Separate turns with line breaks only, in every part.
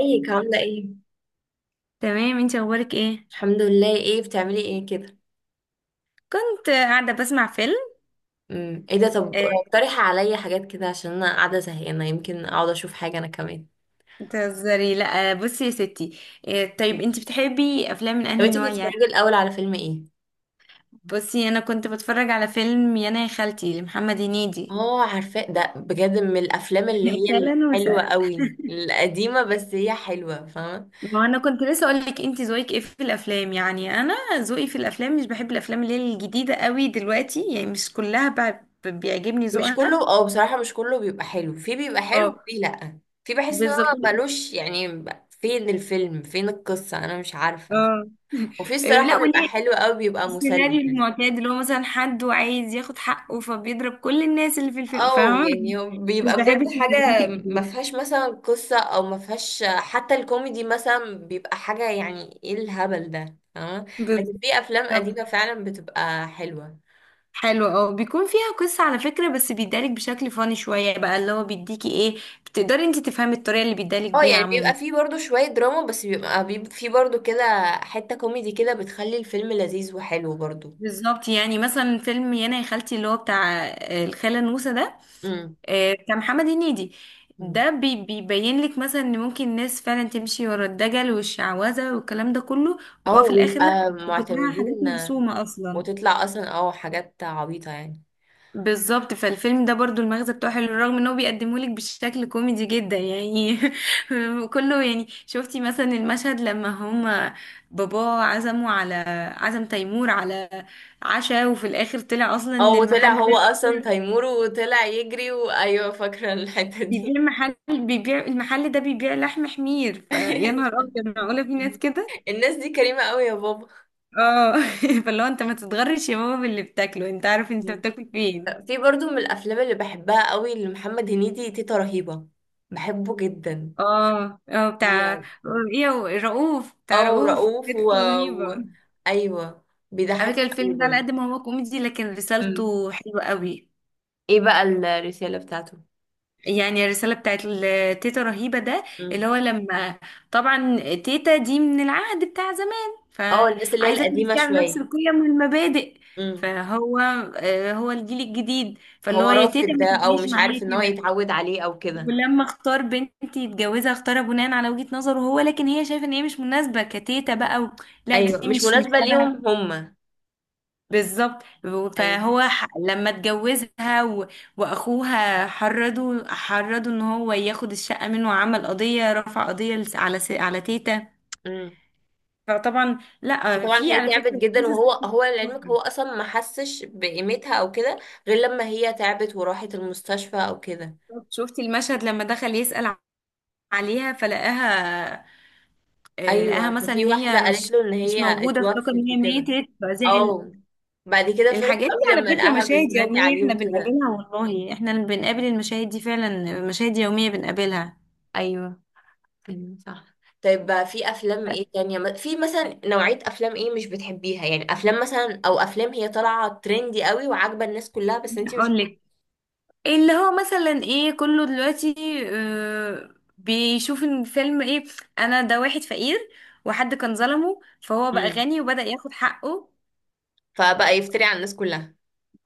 ازيك عاملة ايه؟
تمام، انت اخبارك ايه؟
الحمد لله. ايه بتعملي ايه كده؟
كنت قاعده بسمع فيلم.
ايه ده؟ طب
آه،
اقترحي عليا حاجات كده عشان انا قاعدة زهقانة، يمكن اقعد اشوف حاجة انا كمان.
بتهزري؟ لا. بصي يا ستي. طيب،
مم.
انت بتحبي افلام من
طب
انهي
انتي كنت
نوع يعني؟
بتتفرجي الاول على فيلم ايه؟
بصي، انا كنت بتفرج على فيلم يانا يا خالتي لمحمد هنيدي.
اه، عارفاه ده، بجد من الافلام اللي
يا
هي
خاله نوسة،
الحلوة قوي القديمة، بس هي حلوة، فاهمة؟
ما انا كنت لسه اقول لك انت ذوقك ايه في الافلام. يعني انا ذوقي في الافلام مش بحب الافلام اللي هي الجديده قوي دلوقتي، يعني مش كلها بيعجبني
مش كله.
ذوقها.
اه بصراحة مش كله بيبقى حلو، في بيبقى حلو
اه،
وفي لأ، في بحس ان هو
بالظبط.
ملوش يعني. فين الفيلم فين القصة، انا مش عارفة.
اه.
وفي الصراحة
لا،
بيبقى
وليه؟
حلو قوي، بيبقى مسلي
السيناريو
يعني.
المعتاد اللي هو مثلا حد وعايز ياخد حقه فبيضرب كل الناس اللي في الفيلم،
اه
فاهمة؟
يعني هو
مش
بيبقى بجد
بحب السيناريوهات
حاجة ما
الجديدة.
فيهاش مثلا قصة او ما فيهاش حتى الكوميدي، مثلا بيبقى حاجة يعني ايه الهبل ده، فاهمة؟
بالظبط.
لكن في افلام قديمة فعلا بتبقى حلوة.
حلو، اه، بيكون فيها قصة على فكرة، بس بيدالك بشكل فاني شوية بقى، اللي هو بيديكي ايه، بتقدري انت تفهمي الطريقة اللي بيدالك
اه
بيها
يعني بيبقى
عموما.
فيه برضو شوية دراما، بس بيبقى فيه برضو كده حتة كوميدي كده بتخلي الفيلم لذيذ وحلو برضو.
بالظبط. يعني مثلا فيلم يانا يا خالتي، اللي هو بتاع الخالة نوسة ده،
امم
كمحمد هنيدي،
امم.
ده بيبين لك مثلا ان ممكن الناس فعلا تمشي ورا الدجل والشعوذة والكلام ده كله،
اه
وهو في الاخر لا،
ويبقى
دي كلها حاجات
معتمدين.
مرسومة اصلا.
وتطلع اصلا اه حاجات عبيطة يعني.
بالظبط. فالفيلم ده برضو المغزى بتاعه حلو رغم ان هو بيقدمه لك بشكل كوميدي جدا يعني. كله يعني، شفتي مثلا المشهد لما هما باباه عزموا على، عزم تيمور على عشاء، وفي الاخر طلع اصلا
اه
ان
وطلع
المحل
هو
ده
اصلا تيمور وطلع يجري، وايوه فاكرة الحتة دي.
بيبيع محل، بيبيع المحل ده بيبيع لحم حمير، فيا نهار ابيض، معقولة في ناس كده؟
الناس دي كريمة قوي يا بابا.
اه. فاللي هو انت ما تتغرش يا بابا باللي بتاكله، انت عارف انت
مم.
بتاكل فين.
في برضو من الافلام اللي بحبها قوي لمحمد هنيدي، تيتا رهيبة، بحبه جدا
اه، اه، بتاع
يعني.
ايه هو؟ رؤوف، بتاع
اه
رؤوف
ورؤوف
كانت رهيبة.
و... ايوه،
على
بيضحكني
فكرة
قوي
الفيلم ده على
برضو.
قد ما هو كوميدي لكن
مم.
رسالته حلوة قوي.
ايه بقى الرسالة بتاعته؟
يعني الرسالة بتاعت تيتا رهيبة ده،
مم.
اللي هو لما، طبعا تيتا دي من العهد بتاع زمان
اه الناس اللي هي
فعايزة
القديمة
تمشي على نفس
شوية.
القيم والمبادئ،
مم.
فهو هو الجيل الجديد، فاللي
هو
هو يا
رافض
تيتا ما
ده او
تجيش
مش
معايا
عارف ان هو
كده.
يتعود عليه او كده.
ولما اختار بنتي يتجوزها اختارها بناء على وجهة نظره هو، لكن هي شايفة ان هي مش مناسبة كتيتا بقى، و... لا
ايوه
دي
مش
مش
مناسبة
تبعي.
ليهم هما.
بالظبط. فهو
ايوه.
لما اتجوزها و... واخوها حرضوا ان هو ياخد الشقه منه، وعمل قضيه، رفع قضيه على على تيتا.
مم.
فطبعا لا،
وطبعا
في
هي
على
تعبت
فكره
جدا، وهو هو لعلمك هو اصلا ما حسش بقيمتها او كده، غير لما هي تعبت وراحت المستشفى او كده. مم.
شفتي المشهد لما دخل يسأل عليها فلقاها، لقاها
ايوه
مثلا ان
ففي واحده
هي
قالت
مش
له ان
مش
هي
موجوده، افتكر
اتوفت
ان هي
وكده.
ماتت فزعل.
اه بعد كده فرح
الحاجات دي
قوي
على
لما
فكره
لقاها
مشاهد
بتنادي
يوميه
عليه
احنا
وكده.
بنقابلها، والله احنا اللي بنقابل المشاهد دي فعلا مشاهد يوميه بنقابلها.
ايوه، ايوه صح. طيب بقى في افلام ايه تانية؟ في مثلا نوعيه افلام ايه مش بتحبيها يعني؟ افلام مثلا، او افلام هي طالعه ترندي قوي وعاجبه الناس كلها بس انتي مش.
اقول لك، اللي هو مثلا ايه كله دلوقتي آه، بيشوف ان فيلم ايه، انا ده واحد فقير وحد كان ظلمه فهو بقى
مم.
غني وبدأ ياخد حقه،
فبقى يفتري على الناس.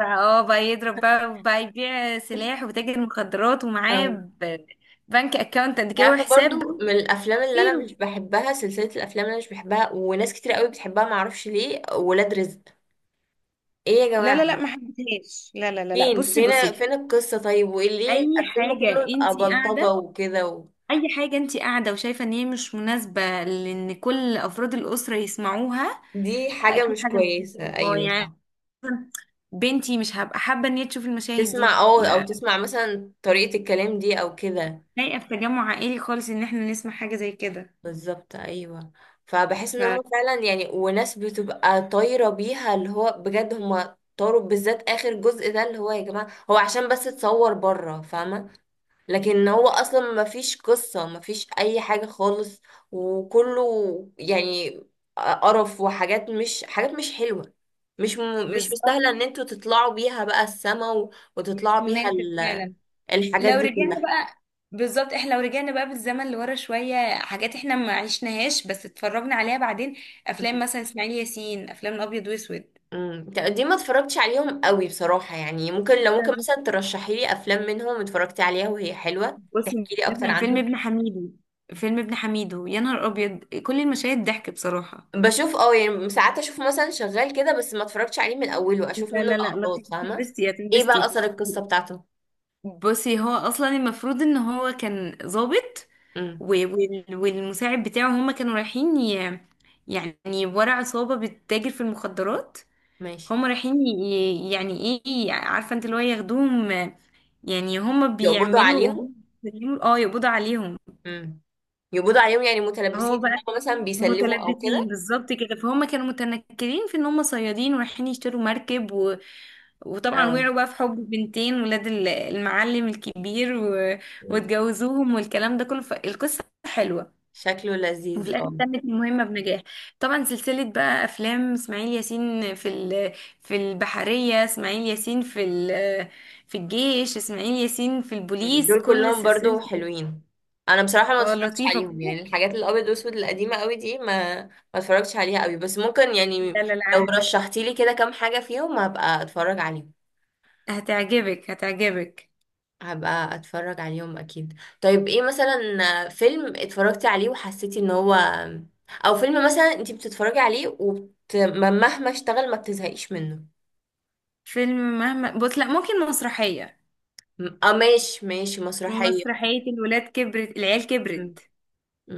بقى اه بقى يضرب بقى وبقى يبيع
كلها.
سلاح وتاجر مخدرات ومعاه بنك اكاونت قد
انت
كده
عارفه برضو
وحساب
من الافلام اللي انا
كتير.
مش بحبها، سلسله الافلام اللي انا مش بحبها وناس كتير قوي بتحبها معرفش ليه، ولاد رزق. ايه يا
لا
جماعه،
لا لا، ما حبيتهاش. لا لا لا لا،
فين
بصي
فين
بصي،
فين القصه؟ طيب، وايه ليه
اي
الفيلم
حاجه
كله يبقى
انتي
بلطجه
قاعده،
وكده و...
اي حاجه انتي قاعده وشايفه ان هي مش مناسبه لان كل افراد الاسره يسمعوها،
دي حاجه
اكيد
مش
حاجه مش
كويسه،
هتبقى- اه
ايوه
يعني
صح.
بنتي مش هبقى حابة ان هي تشوف المشاهد
تسمع
دي،
اه او تسمع مثلا طريقه الكلام دي او كده.
لايقة في تجمع عائلي خالص ان احنا نسمع حاجة زي كده.
بالظبط ايوه. فبحس ان هم
ف-
فعلا يعني، وناس بتبقى طايره بيها اللي هو بجد، هم طاروا بالذات اخر جزء ده، اللي هو يا جماعه هو عشان بس اتصور بره، فاهمه؟ لكن هو اصلا ما فيش قصة، ما فيش اي حاجة خالص. وكله يعني قرف، وحاجات مش حاجات مش حلوة. مش
بالظبط،
مستاهلة ان انتوا تطلعوا بيها بقى السما
مش
وتطلعوا بيها
مناسب
ال...
فعلا.
الحاجات
لو
دي
رجعنا
كلها.
بقى، بالظبط احنا لو رجعنا بقى بالزمن لورا شوية، حاجات احنا ما عشناهاش بس اتفرجنا عليها بعدين، افلام مثلا اسماعيل ياسين، افلام ابيض واسود.
دي ما اتفرجتش عليهم قوي بصراحة يعني، ممكن لو ممكن مثلا ترشحي لي افلام منهم اتفرجتي عليها وهي حلوة،
بصي
تحكي لي اكتر
مثلا فيلم
عنهم.
ابن حميدو، فيلم ابن حميدو، يا نهار ابيض، كل المشاهد ضحك بصراحة.
بشوف اه يعني ساعات اشوف مثلا شغال كده، بس ما اتفرجتش عليه من اوله، اشوف
لا
منه
لا لا،
لقطات
لطيف،
فاهمه.
تنبستي يا
ايه بقى
تنبستي.
اثر القصه بتاعته؟
بصي، هو اصلا المفروض ان هو كان ضابط،
امم.
والمساعد بتاعه، هما كانوا رايحين يعني ورا عصابة بتتاجر في المخدرات،
ماشي.
هما رايحين يعني ايه، عارفة انت اللي هو ياخدوهم، يعني هما
يقبضوا
بيعملوا، هما
عليهم.
اه يقبضوا عليهم.
امم. يقبضوا عليهم يعني
هو
متلبسين في
بقى
حاجة مثلا، بيسلموا او
متلبسين
كده.
بالظبط كده، فهم كانوا متنكرين في ان هم صيادين ورايحين يشتروا مركب، وطبعا
اه.
وقعوا بقى في حب بنتين ولاد المعلم الكبير و...
مم.
واتجوزوهم والكلام ده كله، فالقصة حلوة،
شكله لذيذ
وفي الآخر
اه.
تمت المهمة بنجاح. طبعا سلسلة بقى أفلام إسماعيل ياسين، في البحرية، إسماعيل ياسين في الجيش، إسماعيل ياسين في
مم.
البوليس،
دول
كل
كلهم برضو
سلسلة.
حلوين. انا بصراحه ما
اه،
اتفرجتش
لطيفة
عليهم
كلها.
يعني الحاجات الابيض واسود القديمه قوي دي، ما اتفرجتش عليها قوي بس ممكن يعني،
لا لا
لو
لا،
رشحتي لي كده كام حاجه فيهم هبقى اتفرج عليهم،
هتعجبك هتعجبك.
هبقى اتفرج عليهم اكيد. طيب ايه مثلا فيلم اتفرجتي عليه وحسيتي ان هو، او فيلم مثلا انتي بتتفرجي عليه مهما اشتغل ما بتزهقيش منه؟
فيلم مهما بص، لا، ممكن مسرحية،
اه ماشي ماشي، مسرحية.
مسرحية الولاد كبرت، العيال
م-
كبرت
م.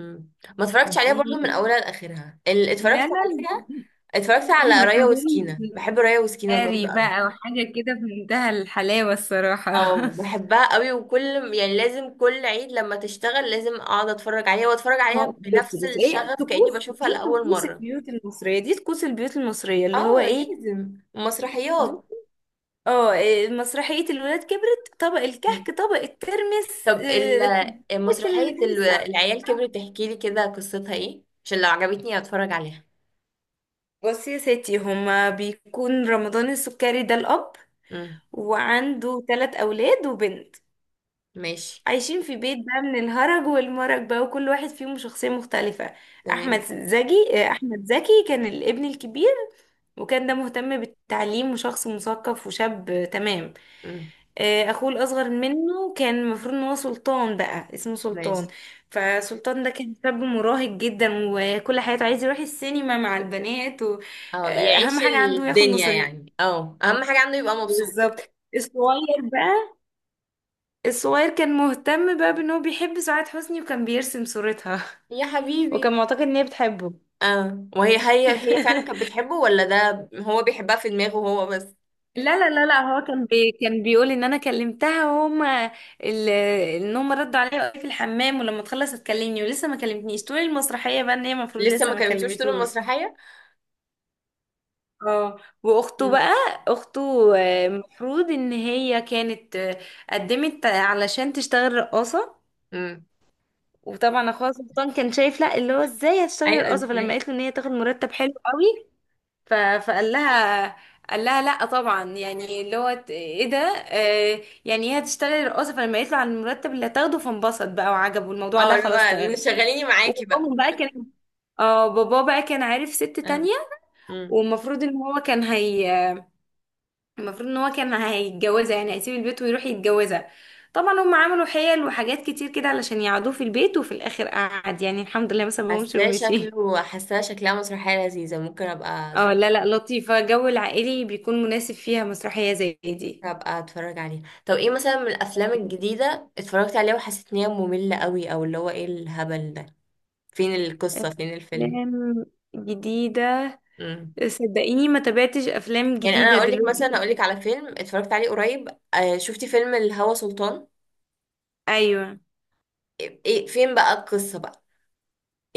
ما اتفرجتش عليها برضو من
دي.
اولها لاخرها اللي
لا
اتفرجت
لا.
عليها. اتفرجت على رايا
رمضان
وسكينة، بحب رايا وسكينة برضو
سهري
قوي.
بقى، وحاجة كده في منتهى الحلاوة الصراحة.
اه بحبها قوي، وكل يعني لازم كل عيد لما تشتغل لازم اقعد اتفرج عليها واتفرج
ما هو-
عليها
بس
بنفس
بس ايه،
الشغف كأني
طقوس،
بشوفها
دي
لأول
طقوس
مرة.
البيوت المصرية، دي طقوس البيوت المصرية، اللي هو
اه
ايه،
لازم
ب-
مسرحيات.
اه مسرحية الولاد كبرت، طبق الكحك، طبق الترمس،
طب
طبق
مسرحية
الحاجة الساعة.
العيال كبرت، تحكي لي كده قصتها ايه عشان لو عجبتني اتفرج عليها.
بصي يا ستي، هما بيكون رمضان السكري ده الأب،
امم.
وعنده ثلاث أولاد وبنت،
ماشي.
عايشين في بيت بقى من الهرج والمرج بقى، وكل واحد فيهم شخصية مختلفة. أحمد
تمام.
زكي، أحمد زكي كان الابن الكبير، وكان ده مهتم بالتعليم وشخص مثقف وشاب، تمام.
امم.
أخوه الأصغر منه كان المفروض إن هو سلطان بقى، اسمه سلطان،
ماشي.
فسلطان ده كان شاب مراهق جدا، وكل حياته عايز يروح السينما مع البنات،
اه يعيش
وأهم حاجة عنده ياخد
الدنيا
مصاريف.
يعني، اه اهم حاجة عنده يبقى مبسوط.
بالظبط. الصغير بقى، الصغير كان مهتم بقى بان هو بيحب سعاد حسني، وكان بيرسم صورتها.
يا حبيبي.
وكان معتقد ان هي بتحبه.
اه، وهي هي فعلا كانت بتحبه، ولا ده هو بيحبها في دماغه هو بس؟
لا لا لا لا، هو كان بيقول ان انا كلمتها، وهما ال- ان هما ردوا عليا وقالوا في الحمام ولما تخلص هتكلمني، ولسه ما كلمتنيش طول المسرحيه بقى، ان هي المفروض
لسه
لسه
ما
ما
كلمتوش طول
كلمتوش.
المسرحية.
اه، واخته
امم.
بقى، اخته، المفروض ان هي كانت، قدمت علشان تشتغل رقاصه،
امم.
وطبعا اخوها سلطان كان شايف لا، اللي هو ازاي هتشتغلي
ايوه
رقاصه، فلما
ازاي.
قالت له ان هي تاخد مرتب حلو قوي، فقال لها، قال لها لا طبعا، يعني اللي هو ايه ده، آه يعني هي هتشتغلي رقاصه، فلما قالت له على المرتب اللي هتاخده فانبسط بقى وعجبه الموضوع،
اه
لا
اللي
خلاص
هو
تمام.
شغليني معاكي بقى.
وباباهم بقى كان، اه بابا بقى كان عارف ست تانية،
اه،
والمفروض ان هو كان هي، المفروض ان هو كان هيتجوزها، يعني هيسيب البيت ويروح يتجوزها، طبعا هم عملوا حيل وحاجات كتير كده علشان يقعدوه في البيت، وفي الاخر قعد، يعني الحمد لله ما سابهمش
حاساه
ومشي.
شكله حاساه شكلها مسرحية لذيذة، ممكن ابقى
اه،
اتفرج
لا لا، لطيفة، جو العائلي بيكون مناسب فيها مسرحية زي دي.
ابقى اتفرج عليها. طب ايه مثلا من الافلام
طيب،
الجديدة اتفرجت عليها وحسيت ان هي مملة قوي، او اللي هو ايه الهبل ده؟ فين القصة فين الفيلم؟
أفلام جديدة،
امم.
صدقيني ما تابعتش أفلام
يعني انا
جديدة
اقول لك مثلا
دلوقتي.
اقول لك على فيلم اتفرجت عليه قريب، آه شفتي فيلم الهوى سلطان؟
أيوة.
ايه فين بقى القصة بقى؟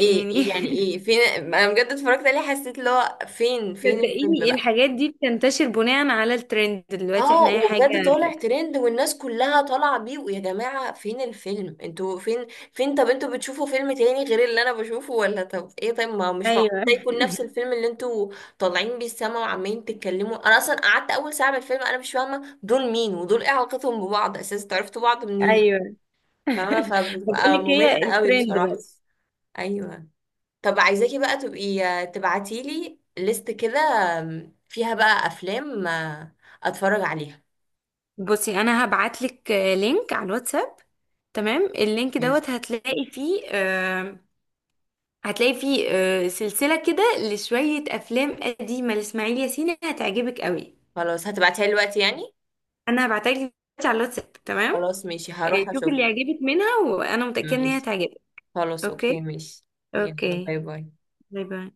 ايه يعني، ايه فين؟ انا بجد اتفرجت عليه حسيت اللي هو فين الفيلم
صدقيني
بقى.
الحاجات دي بتنتشر بناء على الترند دلوقتي،
اه،
احنا أي حاجة.
وبجد طالع ترند والناس كلها طالعه بيه، ويا جماعه فين الفيلم؟ انتوا فين؟ فين؟ طب انتوا بتشوفوا فيلم تاني غير اللي انا بشوفه ولا؟ طب ايه؟ طيب ما هو مش معقول ده
أيوة.
يكون نفس الفيلم اللي انتوا طالعين بيه السما وعمالين تتكلموا. انا اصلا قعدت اول ساعه من الفيلم انا مش فاهمه دول مين ودول ايه علاقتهم ببعض اساسا، تعرفتوا بعض منين؟
أيوة.
فاهمه؟
بقول
فبتبقى
لك
ممله
هي
قوي
الترند
بصراحه.
بس.
ايوه. طب عايزاكي بقى تبقي تبعتيلي ليست كده فيها بقى افلام اتفرج عليها.
بصي انا هبعت لك لينك على الواتساب، تمام، اللينك
ماشي.
دوت هتلاقي فيه آه، هتلاقي فيه آه، سلسلة كده لشوية افلام قديمة لاسماعيل ياسين هتعجبك قوي.
خلاص هتبعتيها لي دلوقتي يعني.
انا هبعتها لك دلوقتي على الواتساب، تمام.
خلاص ماشي هروح
شوفي
اشوف.
اللي يعجبك منها، وانا متأكدة ان هي
ماشي.
هتعجبك.
خلاص.
اوكي.
اوكي. ماشي. يلا
اوكي.
باي باي.
باي باي.